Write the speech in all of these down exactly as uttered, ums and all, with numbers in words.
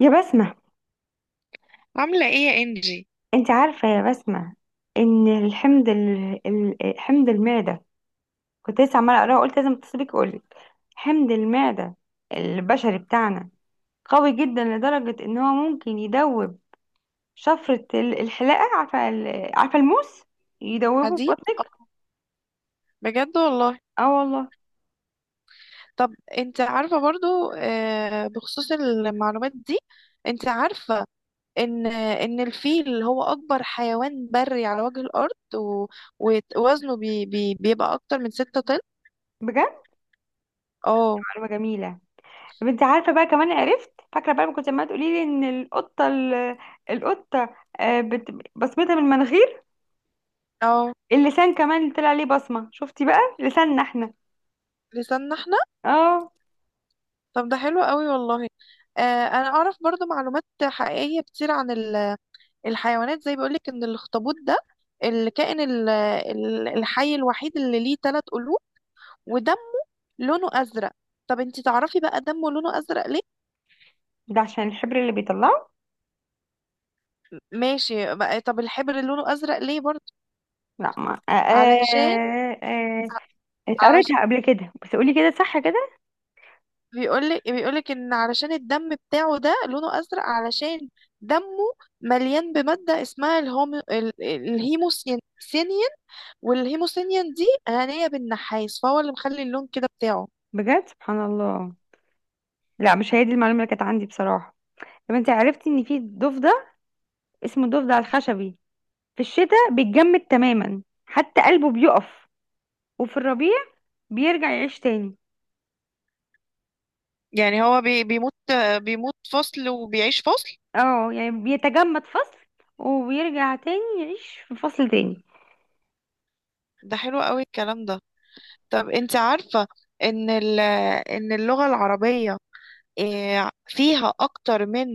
يا بسمة، عاملة ايه يا انجي؟ انت عارفة يا بسمة ان الحمض ال... ال- حمض المعدة، كنت لسه عمالة اقراه، قلت لازم اتصلك اقولك. حمض المعدة البشري بتاعنا قوي جدا لدرجة ان هو ممكن يدوب شفرة ال- الحلاقة، عارفة ال... عارفة الموس، يدوبه في حديد؟ بطنك. بجد والله. اه والله. طب انت عارفة برضو، آه، بخصوص المعلومات دي، انت عارفة ان ان الفيل هو اكبر حيوان بري على وجه الارض، و- ووزنه بي بي بيبقى اكتر من ستة طن. بجد اه معلومة جميلة. طب انت عارفة بقى كمان، عرفت فاكرة بقى ما كنت عمالة تقولي لي ان القطة ال... القطة آه، بت... بصمتها من المناخير. اه. اللسان كمان طلع عليه بصمة، شفتي بقى لساننا احنا. لساننا احنا. اه، طب ده حلو قوي والله. آه، انا اعرف برضو معلومات حقيقية كتير عن ال- الحيوانات. زي بيقولك ان الاخطبوط ده الكائن ال- ال- الحي الوحيد اللي ليه ثلاث قلوب، ودمه لونه ازرق. طب انتي تعرفي بقى دمه لونه ازرق ليه؟ ده عشان الحبر اللي بيطلعه. ماشي بقى، طب الحبر لونه ازرق ليه برضه؟ لا، ما آه علشان، آه آه آه. علشان قريتها قبل كده، بس قولي كده صح كده. بيقولك بيقولك ان علشان الدم بتاعه ده لونه ازرق، علشان دمه مليان بمادة اسمها الهومو ال- ال- الهيموسيانين، والهيموسيانين دي غنية بالنحاس، فهو اللي مخلي اللون كده بتاعه. بجد سبحان الله. لا، مش هي دي المعلومة اللي كانت عندي بصراحة. طب انت عرفتي ان في ضفدع اسمه الضفدع الخشبي، في الشتاء بيتجمد تماما حتى قلبه بيقف، وفي الربيع بيرجع يعيش تاني. يعني هو بي بيموت، بيموت فصل وبيعيش فصل. اه يعني بيتجمد فصل وبيرجع تاني يعيش في فصل تاني. ده حلو قوي الكلام ده. طب انت عارفة ان ال- ان اللغة العربية، آه، فيها اكتر من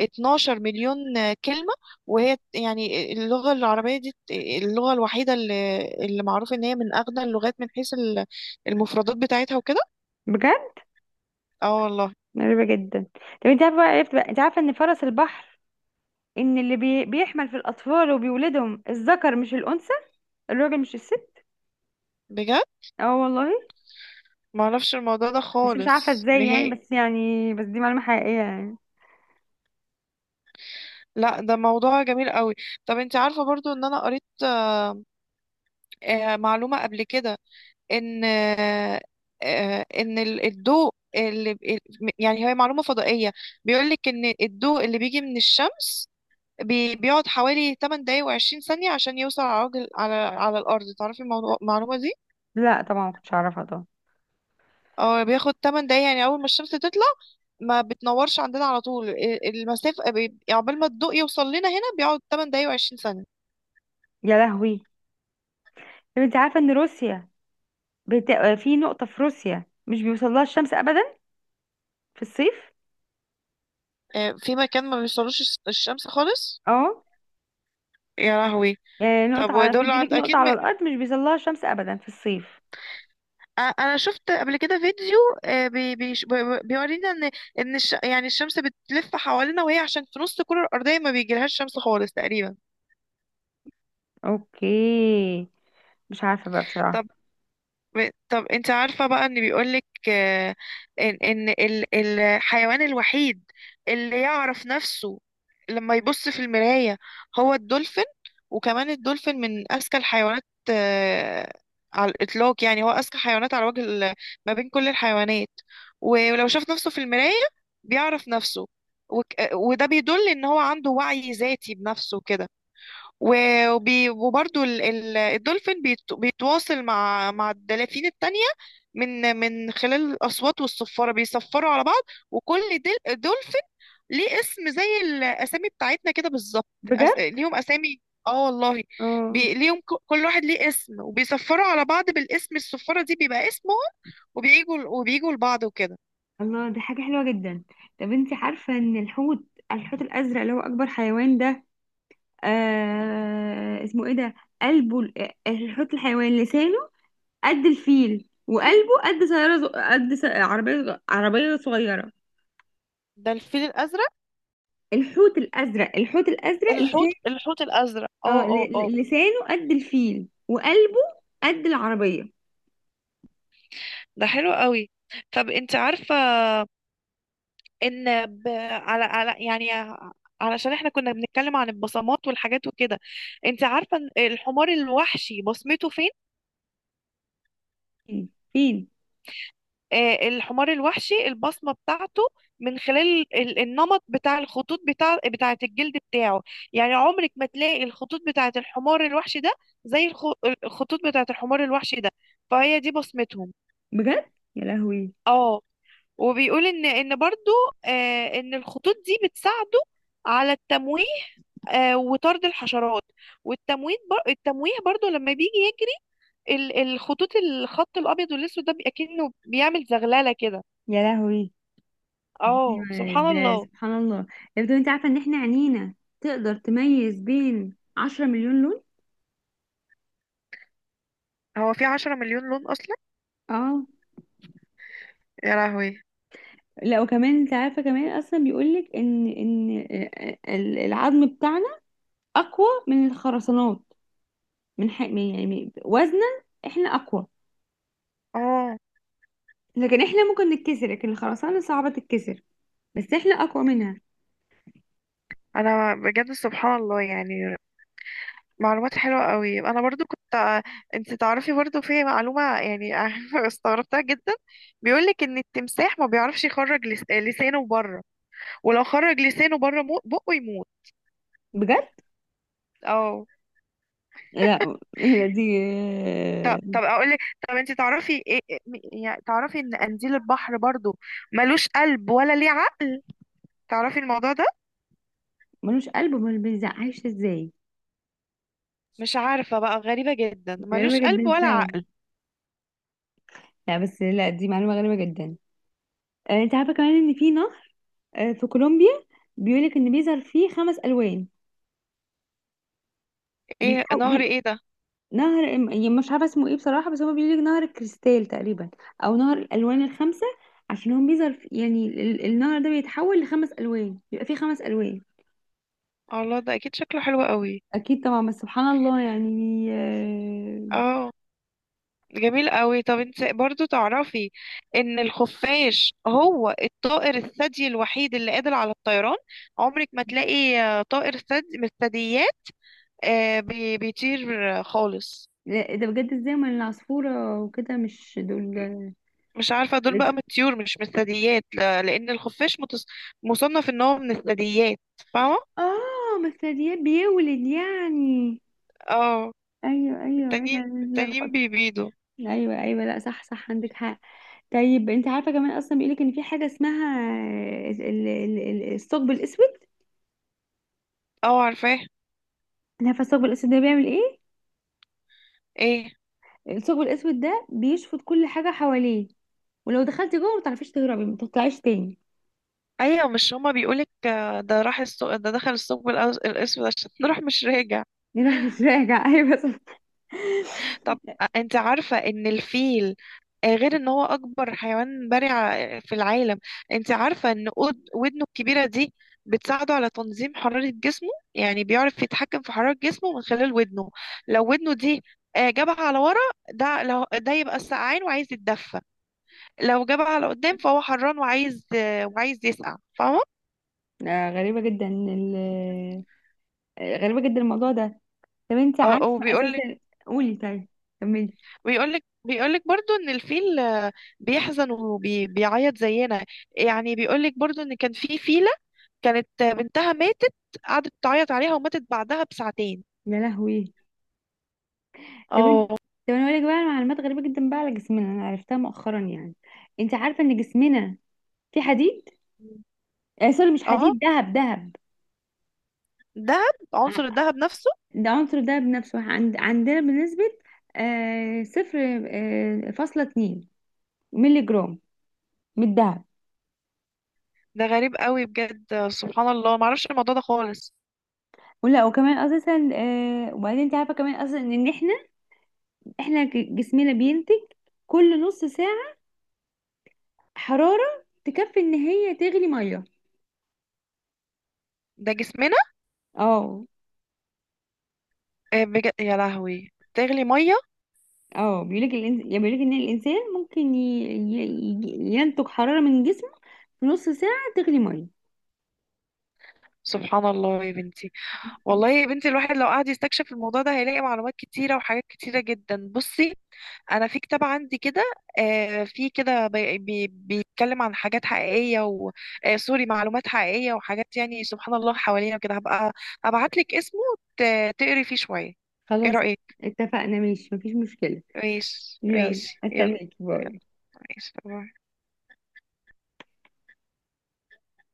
اتناشر مليون كلمة، وهي يعني اللغة العربية دي اللغة الوحيدة اللي اللي معروف ان هي من اغنى اللغات من حيث ال- المفردات بتاعتها وكده. بجد اه والله. غريبة جدا. طب انت عارفة، عرفت بقى انت عارفة ان فرس البحر، ان اللي بي... بيحمل في الاطفال وبيولدهم الذكر مش الانثى، الراجل مش الست. بجد. اه والله. ما اعرفش الموضوع ده بس مش عارفة خالص ازاي، يعني نهائي. بس يعني بس دي معلومة حقيقية يعني. لا ده موضوع جميل قوي. طب انت عارفة برضو ان انا قريت آه، معلومة قبل كده، ان آه، آه، ان ال- الضوء اللي ب- ال- يعني هي معلومة فضائية، بيقولك ان الضوء اللي بيجي من الشمس بي- بيقعد حوالي تمنية دقايق و عشرين ثانية عشان يوصل على عجل على على الأرض. تعرفي الموضوع- المعلومة دي؟ لا طبعا ما كنتش اعرفها طبعا. اه، بياخد تمن دقايق. يعني أول ما الشمس تطلع ما بتنورش عندنا على طول ال- المسافة، بي- عقبال ما الضوء يوصل لنا هنا بيقعد تمن دقايق و عشرين ثانية. يا لهوي. طب انت عارفة ان روسيا، بت... آه، في نقطة في روسيا مش بيوصلها الشمس ابدا في الصيف. آه، في مكان ما بيوصلوش الس- الشمس خالص. اه. يا لهوي. آه، طب نقطة على في ودول بيقولك عند نقطة أكيد. على الارض مش بيوصلها الشمس ابدا في الصيف. أ- انا شفت قبل كده فيديو، آه، بي- بيش- بي- بي- بيورينا ان ان الش... يعني الشمس بتلف حوالينا، وهي عشان في نص الكره الارضيه ما بيجيلهاش شمس خالص تقريبا. اوكي، مش عارفة بقى بصراحة. طب، ب- طب انت عارفة بقى ان بيقولك، آه، ان ان ال- الحيوان الوحيد اللي يعرف نفسه لما يبص في المراية هو الدولفين. وكمان الدولفين من اذكى الحيوانات آه، على الاطلاق. يعني هو اذكى حيوانات على وجه ال- ما بين كل الحيوانات. ولو شاف نفسه في المراية بيعرف نفسه. وك- آه، وده بيدل ان هو عنده وعي ذاتي بنفسه كده. و- وبي وبرضو ال- ال- الدولفين بيت- بيتواصل مع مع الدلافين التانية من من خلال الأصوات والصفارة، بيصفروا على بعض. وكل دل- دولفين ليه اسم زي الأسامي بتاعتنا كده بالظبط. أس- بجد. ليهم أسامي. اه والله. اه. بي... ليهم، ك- كل واحد ليه اسم، وبيصفروا على بعض بالاسم. الصفارة دي بيبقى اسمهم، وبيجوا ل- وبيجوا لبعض وكده. الله، دي حاجة حلوة جدا. طب انت عارفة ان الحوت، الحوت الأزرق اللي هو أكبر حيوان ده، آه اسمه ايه ده، قلبه، الحوت الحيوان لسانه قد الفيل وقلبه قد سيارة، ز- قد س- عربية، ز- عربية صغيرة. ده الفيل الأزرق؟ الحوت الأزرق، الحوت الأزرق الحوت لسان الحوت الأزرق، اه اه اه ل- اه. ل- لسانه قد الفيل وقلبه قد العربية. ده حلو قوي. طب انت عارفة ان ب... على على يعني ع- علشان احنا كنا بنتكلم عن البصمات والحاجات وكده، انت عارفه إن الحمار الوحشي بصمته فين؟ فين فين؟ آه، الحمار الوحشي البصمه بتاعته من خلال ال- النمط بتاع الخطوط بتاع بتاعه، الجلد بتاعه. يعني عمرك ما تلاقي الخطوط بتاعه الحمار الوحشي ده زي الخ- الخطوط بتاعه الحمار الوحشي ده. فهي دي بصمتهم. بجد يا لهوي. اه. وبيقول ان ان برضو، آه، ان الخطوط دي بتساعده على التمويه، آه، وطرد الحشرات. والتمويه بر... التمويه برضو لما بيجي يجري، ال- الخطوط، الخط الابيض والاسود ده، بيبقى كأنه بيعمل زغلله كده. يا لهوي اه أيوة، سبحان ده الله. سبحان الله. افضل، انت عارفه ان احنا عينينا تقدر تميز بين عشرة مليون لون. هو في عشرة مليون لون أصلا؟ اه. يا لهوي. لا، وكمان انت عارفه كمان اصلا بيقولك ان ان آه، ال- العظم بتاعنا اقوى من الخرسانات، من حق من- يعني وزنا احنا اقوى، اه. لكن احنا ممكن نتكسر لكن الخرسانه صعبه تتكسر، بس احنا اقوى منها. أنا بجد سبحان الله يعني، معلومات حلوة قوي. أنا برضو كنت، أنت تعرفي برضو في معلومة يعني استغربتها جدا. بيقولك إن التمساح ما بيعرفش يخرج لس... لسانه بره، ولو خرج لسانه بره مو- بقه يموت. بجد. اه. لا. لا، دي طب آه، طب اقول لك. طب انت تعرفي ايه إيه- م- يعني تعرفي ان قنديل البحر برضو ملوش قلب ولا ليه عقل؟ تعرفي الموضوع ده؟ ملوش قلب امال بيزعقش ازاي؟ مش عارفة بقى، غريبة جدا غريبه ملوش قلب جدا ولا فعلا. عقل. لا بس لا، دي معلومه غريبه جدا. آه، انت عارفه كمان ان في نهر، آه، في كولومبيا، بيقولك ان بيظهر فيه خمس الوان. ايه بيتحو... نهر بي... ايه ده؟ نهر ام- يعني مش عارفه اسمه ايه بصراحه، بس هو بيقولك نهر الكريستال تقريبا، او نهر الالوان الخمسه. عشان هو بيظهر في... يعني ال- ال- النهر ده بيتحول لخمس الوان، بيبقى فيه خمس الوان. الله ده اكيد شكله حلو قوي. اكيد طبعا، بس سبحان الله يعني آه. اه، جميل قوي. طب انت برضو تعرفي ان الخفاش هو الطائر الثدي الوحيد اللي قادر على الطيران. عمرك ما تلاقي، آه، طائر ثدي من الثدييات، آه، بي- بيطير، آه، خالص. لا، ده بجد، ازاي ما العصفوره وكده مش دول؟ مش عارفة، دول رج... بقى من الطيور مش من الثدييات، لا- لأن الخفاش متص... مصنف إن هو من الثدييات. فاهمة؟ اه مثليات، بيولد يعني. اه. ايوه ايوه التانيين انا. التانيين بيبيضوا. ايوه ايوه، لا صح صح عندك حق. طيب انت عارفه كمان اصلا بيقولك ان في حاجه اسمها ال- ال- ال- الثقب الاسود. اه عارفاه. أنت عارفه الثقب الاسود ده بيعمل ايه؟ ايه؟ الثقب الاسود ده بيشفط كل حاجه حواليه، ولو دخلتي جوه ما تعرفيش تهربي، ما تطلعيش تاني. ايوه، مش هما بيقولك، آه، ده راح السوق، ده دخل الثقب الأز- الأسود، عشان راح مش راجع. يروح مش راجع. ايوه صح. طب، آه، انت عارفة إن الفيل، آه، غير ان هو اكبر حيوان برع في العالم، انت عارفة ان قد- ودنه الكبيرة دي بتساعده على تنظيم حرارة جسمه؟ يعني بيعرف يتحكم في حرارة جسمه من خلال ودنه. لو ودنه دي، آه، جابها على ورا، ده لو ده يبقى سقعان وعايز يتدفى. لو جابها على قدام فهو حران وعايز، آه، وعايز يسقع. فاهمة؟ آه غريبه جدا ال... آه، غريبه جدا الموضوع ده. طب انت او عارفه وبيقول لك، اساسا. قولي طيب، كملي. بيقول لك بيقول لك برضه ان الفيل، آه، بيحزن وبيعيط زينا. يعني بيقول لك برضه ان كان في فيل كانت بنتها ماتت، قعدت تعيط عليها وماتت بعدها بساعتين. يا لهوي. طب انت. اه. طب انا اقول لك بقى معلومات غريبه جدا بقى على جسمنا، انا عرفتها مؤخرا يعني. انت عارفه ان جسمنا في حديد، آه سوري، مش اه. حديد، دهب دهب. دهب، عنصر ع- الدهب نفسه. ده عنصر الدهب نفسه عند عندنا بنسبة آه صفر آه فاصلة اتنين مللي جرام من الدهب. ده غريب قوي بجد، سبحان الله. ما اعرفش الموضوع ده خالص. ولا وكمان اساسا آه. وبعدين انت عارفه كمان اصلا ان احنا احنا ج- جسمنا بينتج كل نص ساعه حراره تكفي ان هي تغلي ميه. ده جسمنا؟ اه. آه، بجد يا لهوي، تغلي ميه. اه بيقولك الإنس... يعني بيقولك ان الانسان ممكن ي... ي... ي- ينتج حراره من جسمه في نص ساعه تغلي ميه. سبحان الله يا بنتي. والله يا بنتي الواحد لو قعد يستكشف الموضوع ده هيلاقي معلومات كتيرة وحاجات كتيرة جدا. بصي، انا في كتاب عندي كده، آه، في كده بي- بي- بيتكلم عن حاجات حقيقيه و، آه، سوري، معلومات حقيقيه وحاجات يعني سبحان الله حوالينا كده. هبقى ابعت لك اسمه، ت- تقري فيه شويه. ايه خلاص، رايك؟ اتفقنا، ماشي، مفيش مشكله. ماشي يلا، ماشي يلا. استناكي، باي. ماشي.